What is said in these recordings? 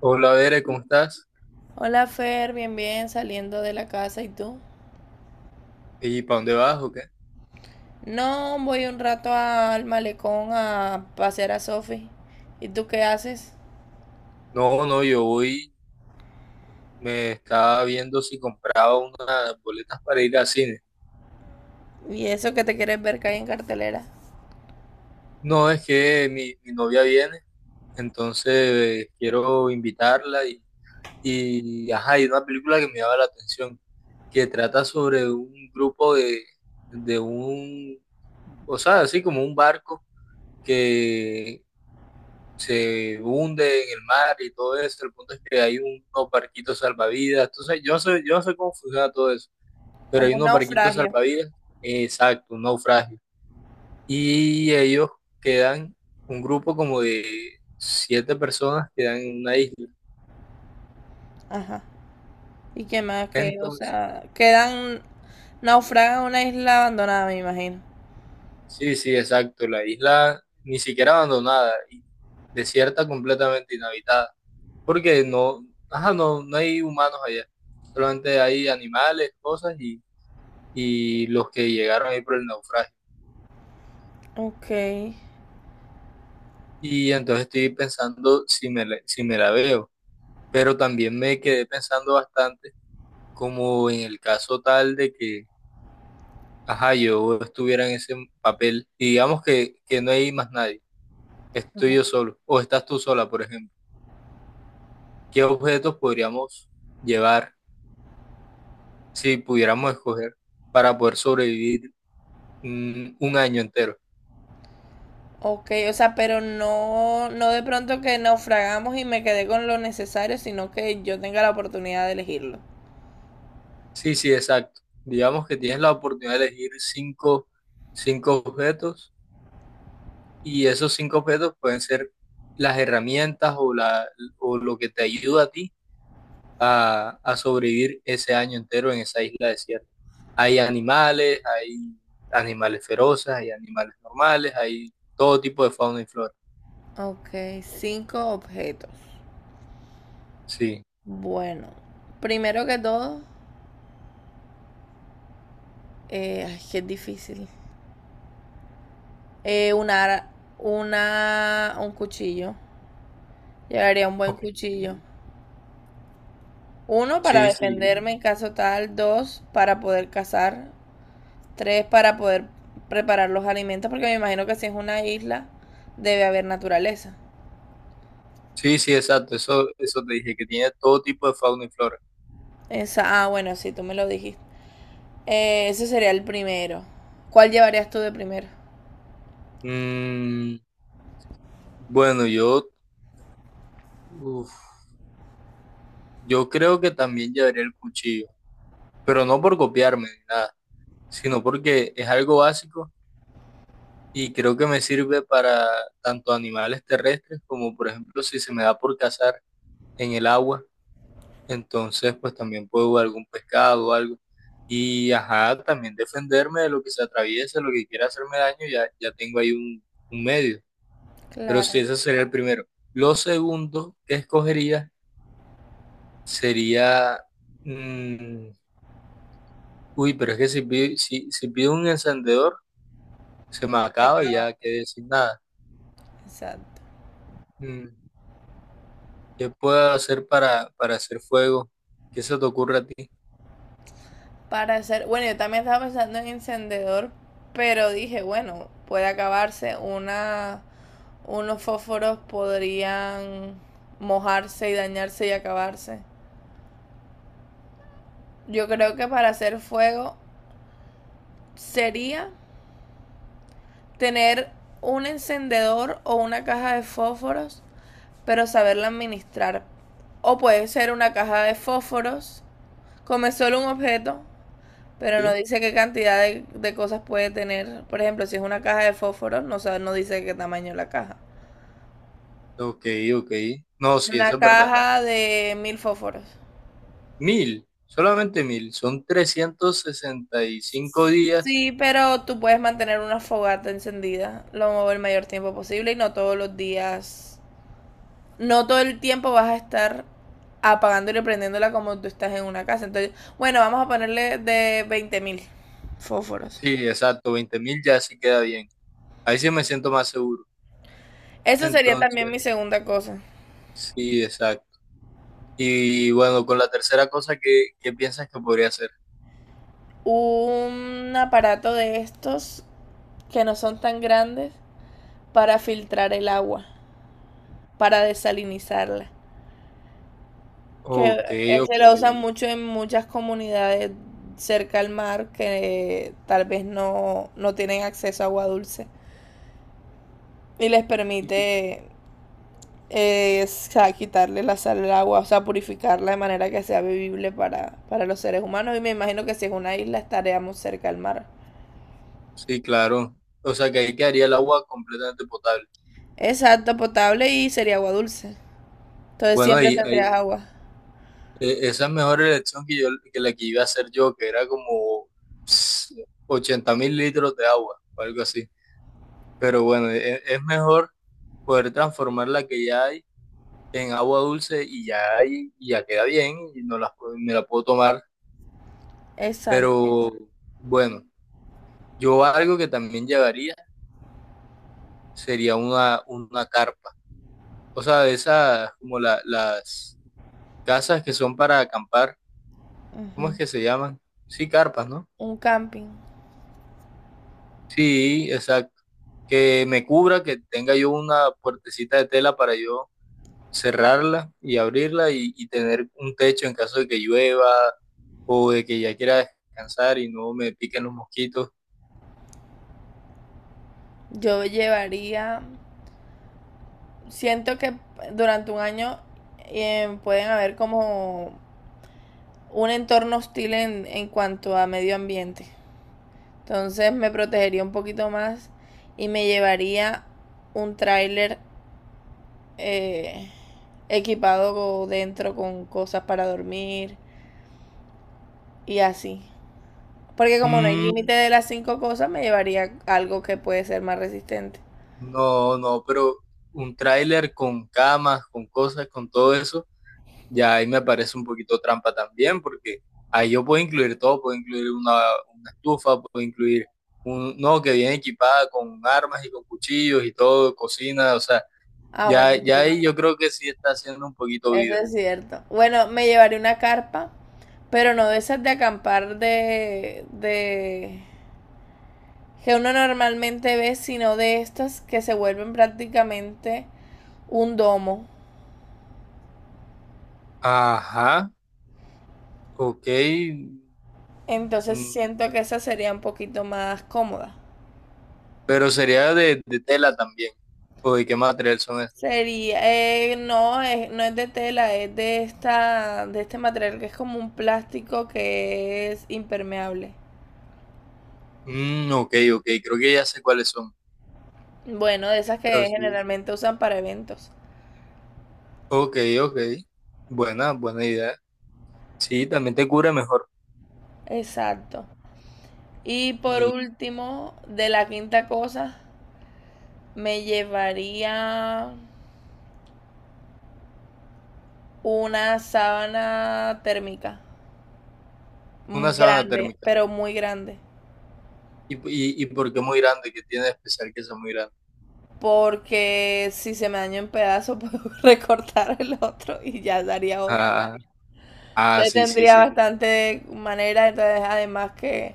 Hola, Bere, ¿cómo estás? Hola Fer, bien, bien, saliendo de la casa, ¿y tú? ¿Y para dónde vas o qué? No, voy un rato al malecón a pasear a Sofi. ¿Y tú qué haces? No, no, yo voy, me estaba viendo si compraba unas boletas para ir al cine. Y eso que te quieres ver caer en cartelera, No, es que mi novia viene, entonces quiero invitarla y, ajá, hay una película que me llama la atención, que trata sobre un grupo de o sea, así como un barco que se hunde en el mar y todo eso. El punto es que hay unos barquitos salvavidas. Entonces, yo no sé cómo funciona todo eso, pero hay como un unos barquitos naufragio. salvavidas, exacto, un naufragio. Y ellos quedan, un grupo como de siete personas quedan en una isla. Ajá. ¿Y qué más que, o Entonces, sea, quedan naufragan en una isla abandonada, me imagino? sí, sí, exacto, la isla ni siquiera abandonada, y desierta completamente inhabitada, porque no, ajá, no hay humanos allá, solamente hay animales, cosas y los que llegaron ahí por el naufragio. Ok, Y entonces estoy pensando si me la veo, pero también me quedé pensando bastante como en el caso tal de que, ajá, yo estuviera en ese papel y digamos que no hay más nadie, estoy yo solo o estás tú sola, por ejemplo. ¿Qué objetos podríamos llevar si pudiéramos escoger para poder sobrevivir un año entero? ok, o sea, pero no, no de pronto que naufragamos y me quedé con lo necesario, sino que yo tenga la oportunidad de elegirlo. Sí, sí, exacto. Digamos que tienes la oportunidad de elegir cinco objetos. Y esos cinco objetos pueden ser las herramientas o lo que te ayuda a ti a sobrevivir ese año entero en esa isla desierta. Hay animales feroces, hay animales normales, hay todo tipo de fauna y flora. Ok, cinco objetos. Sí. Bueno, primero que todo, ay, que es difícil. Eh, una, ara- un cuchillo. Llevaría un buen Ok. cuchillo. Uno, para Sí, sí. defenderme en caso tal. Dos, para poder cazar. Tres, para poder preparar los alimentos, porque me imagino que si es una isla, debe haber naturaleza. Sí, sí, exacto. Eso te dije, que tiene todo tipo de fauna y flora. Esa, ah, bueno, sí, tú me lo dijiste. Ese sería el primero. ¿Cuál llevarías tú de primero? Mm, bueno, yo, uf, yo creo que también llevaría el cuchillo, pero no por copiarme ni nada sino porque es algo básico y creo que me sirve para tanto animales terrestres como, por ejemplo, si se me da por cazar en el agua, entonces pues también puedo algún pescado o algo. Y ajá, también defenderme de lo que se atraviese, lo que quiera hacerme daño, ya, ya tengo ahí un medio. Pero sí, Claro, ese sería el primero. Lo segundo que escogería sería, mm, uy, pero es que si pido un encendedor, se me acaba y ya quedé sin nada. exacto. Mm. ¿Qué puedo hacer para hacer fuego? ¿Qué se te ocurre a ti? para hacer. Bueno, yo también estaba pensando en encendedor, pero dije, bueno, puede acabarse. Unos fósforos podrían mojarse y dañarse y acabarse. Yo creo que para hacer fuego sería tener un encendedor o una caja de fósforos, pero saberla administrar. O puede ser una caja de fósforos, come solo un objeto. Pero no ¿Sí? dice qué cantidad de cosas puede tener. Por ejemplo, si es una caja de fósforos, no, no dice qué tamaño es la caja. Ok, ok. No, sí, Una eso es verdad. caja de 1.000 fósforos. 1000, solamente 1000. Son 365 días. Sí, pero tú puedes mantener una fogata encendida lo el mayor tiempo posible y no todos los días, no todo el tiempo vas a estar apagándola y prendiéndola como tú estás en una casa. Entonces, bueno, vamos a ponerle de 20.000 fósforos. Sí, exacto, 20.000 ya sí queda bien. Ahí sí me siento más seguro. Eso sería Entonces, también mi segunda cosa. sí, exacto. Y bueno, con la tercera cosa, ¿qué, qué piensas que podría hacer? Un aparato de estos que no son tan grandes para filtrar el agua, para desalinizarla. Que Ok, se ok. lo usan mucho en muchas comunidades cerca al mar que tal vez no, no tienen acceso a agua dulce y les permite eh, o sea, quitarle la sal al agua, o sea, purificarla de manera que sea vivible para los seres humanos. Y me imagino que si es una isla estaríamos cerca al mar. Sí, claro. O sea que ahí quedaría el agua completamente potable. Exacto, potable y sería agua dulce. Entonces Bueno, siempre ahí, ahí, tendrías agua. Esa es mejor elección que yo, que la que iba a hacer yo, que era como 80.000 litros de agua o algo así. Pero bueno, es, mejor poder transformar la que ya hay en agua dulce y ya hay, y ya queda bien y no la, me la puedo tomar. Exacto. Pero bueno, yo algo que también llevaría sería una carpa. O sea, de esas como las casas que son para acampar, ¿cómo es Ujú. que se llaman? Sí, carpas, ¿no? Un camping. Sí, exacto. Que me cubra, que tenga yo una puertecita de tela para yo cerrarla y abrirla y tener un techo en caso de que llueva o de que ya quiera descansar y no me piquen los mosquitos. Yo llevaría, siento que durante un año pueden haber como un entorno hostil en cuanto a medio ambiente. Entonces me protegería un poquito más y me llevaría un tráiler, eh, equipado dentro con cosas para dormir y así. Porque como no hay Mm, límite de las cinco cosas, me llevaría algo que puede ser más resistente. no, no, pero un tráiler con camas, con cosas, con todo eso. Ya ahí me parece un poquito trampa también, porque ahí yo puedo incluir todo, puedo incluir una estufa, puedo incluir no, que viene equipada con armas y con cuchillos y todo, cocina, o sea, Ah, ya, bueno, ya sí. ahí yo creo que sí está haciendo un poquito Eso vida. es cierto. Bueno, me llevaré una carpa, pero no de esas de acampar de que uno normalmente ve, sino de estas que se vuelven prácticamente un domo. Ajá, ok, Entonces mm, siento que esa sería un poquito más cómoda. pero sería de tela también, o de qué material son estos. Sería, no, no es de tela, es de este material que es como un plástico que es impermeable. Ok, ok, creo que ya sé cuáles son, Bueno, de esas pero que sí. generalmente usan para eventos. Ok, ok, buena idea. Sí, también te cubre mejor. Exacto. Y por Y último, de la quinta cosa, me llevaría una sábana térmica. Una sábana Grande, térmica. pero muy grande. ¿Y por qué muy grande? ¿Qué tiene de especial que sea muy grande? Porque si se me daña en pedazos, puedo recortar el otro y ya daría otro. Ah, ah, Entonces sí, sí, tendría sí. bastante manera. Entonces, además que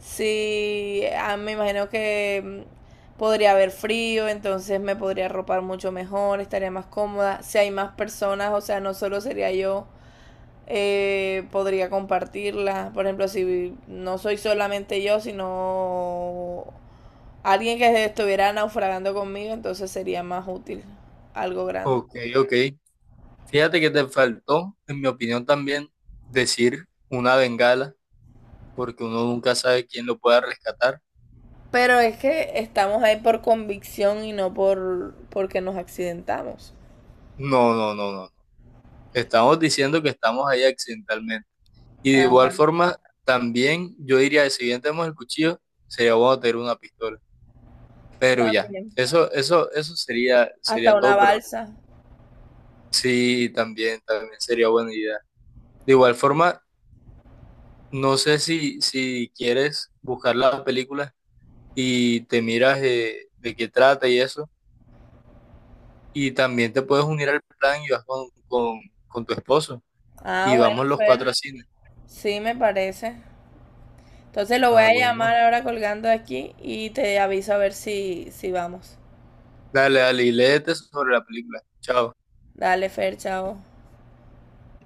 si me imagino que podría haber frío, entonces me podría arropar mucho mejor, estaría más cómoda. Si hay más personas, o sea, no solo sería yo, podría compartirla. Por ejemplo, si no soy solamente yo, sino alguien que estuviera naufragando conmigo, entonces sería más útil algo grande. Ok, ok. Fíjate que te faltó, en mi opinión también, decir una bengala, porque uno nunca sabe quién lo pueda rescatar. Pero es que estamos ahí por convicción y no porque nos accidentamos. No, no, no, no. No. Estamos diciendo que estamos ahí accidentalmente. Y de Ajá, igual forma, también yo diría, que si bien tenemos el cuchillo, sería bueno tener una pistola. Pero ya, también. eso sería, Hasta sería una todo, pero balsa. sí, también sería buena idea. De igual forma, no sé si quieres buscar la película y te miras de qué trata y eso. Y también te puedes unir al plan y vas con tu esposo. Ah, Y bueno, vamos los Fer. cuatro a cine. Sí, me parece. Entonces lo voy Ah, a llamar bueno. ahora colgando aquí y te aviso a ver si, si vamos. Dale, dale, y léete sobre la película. Chao. Dale, Fer, chao.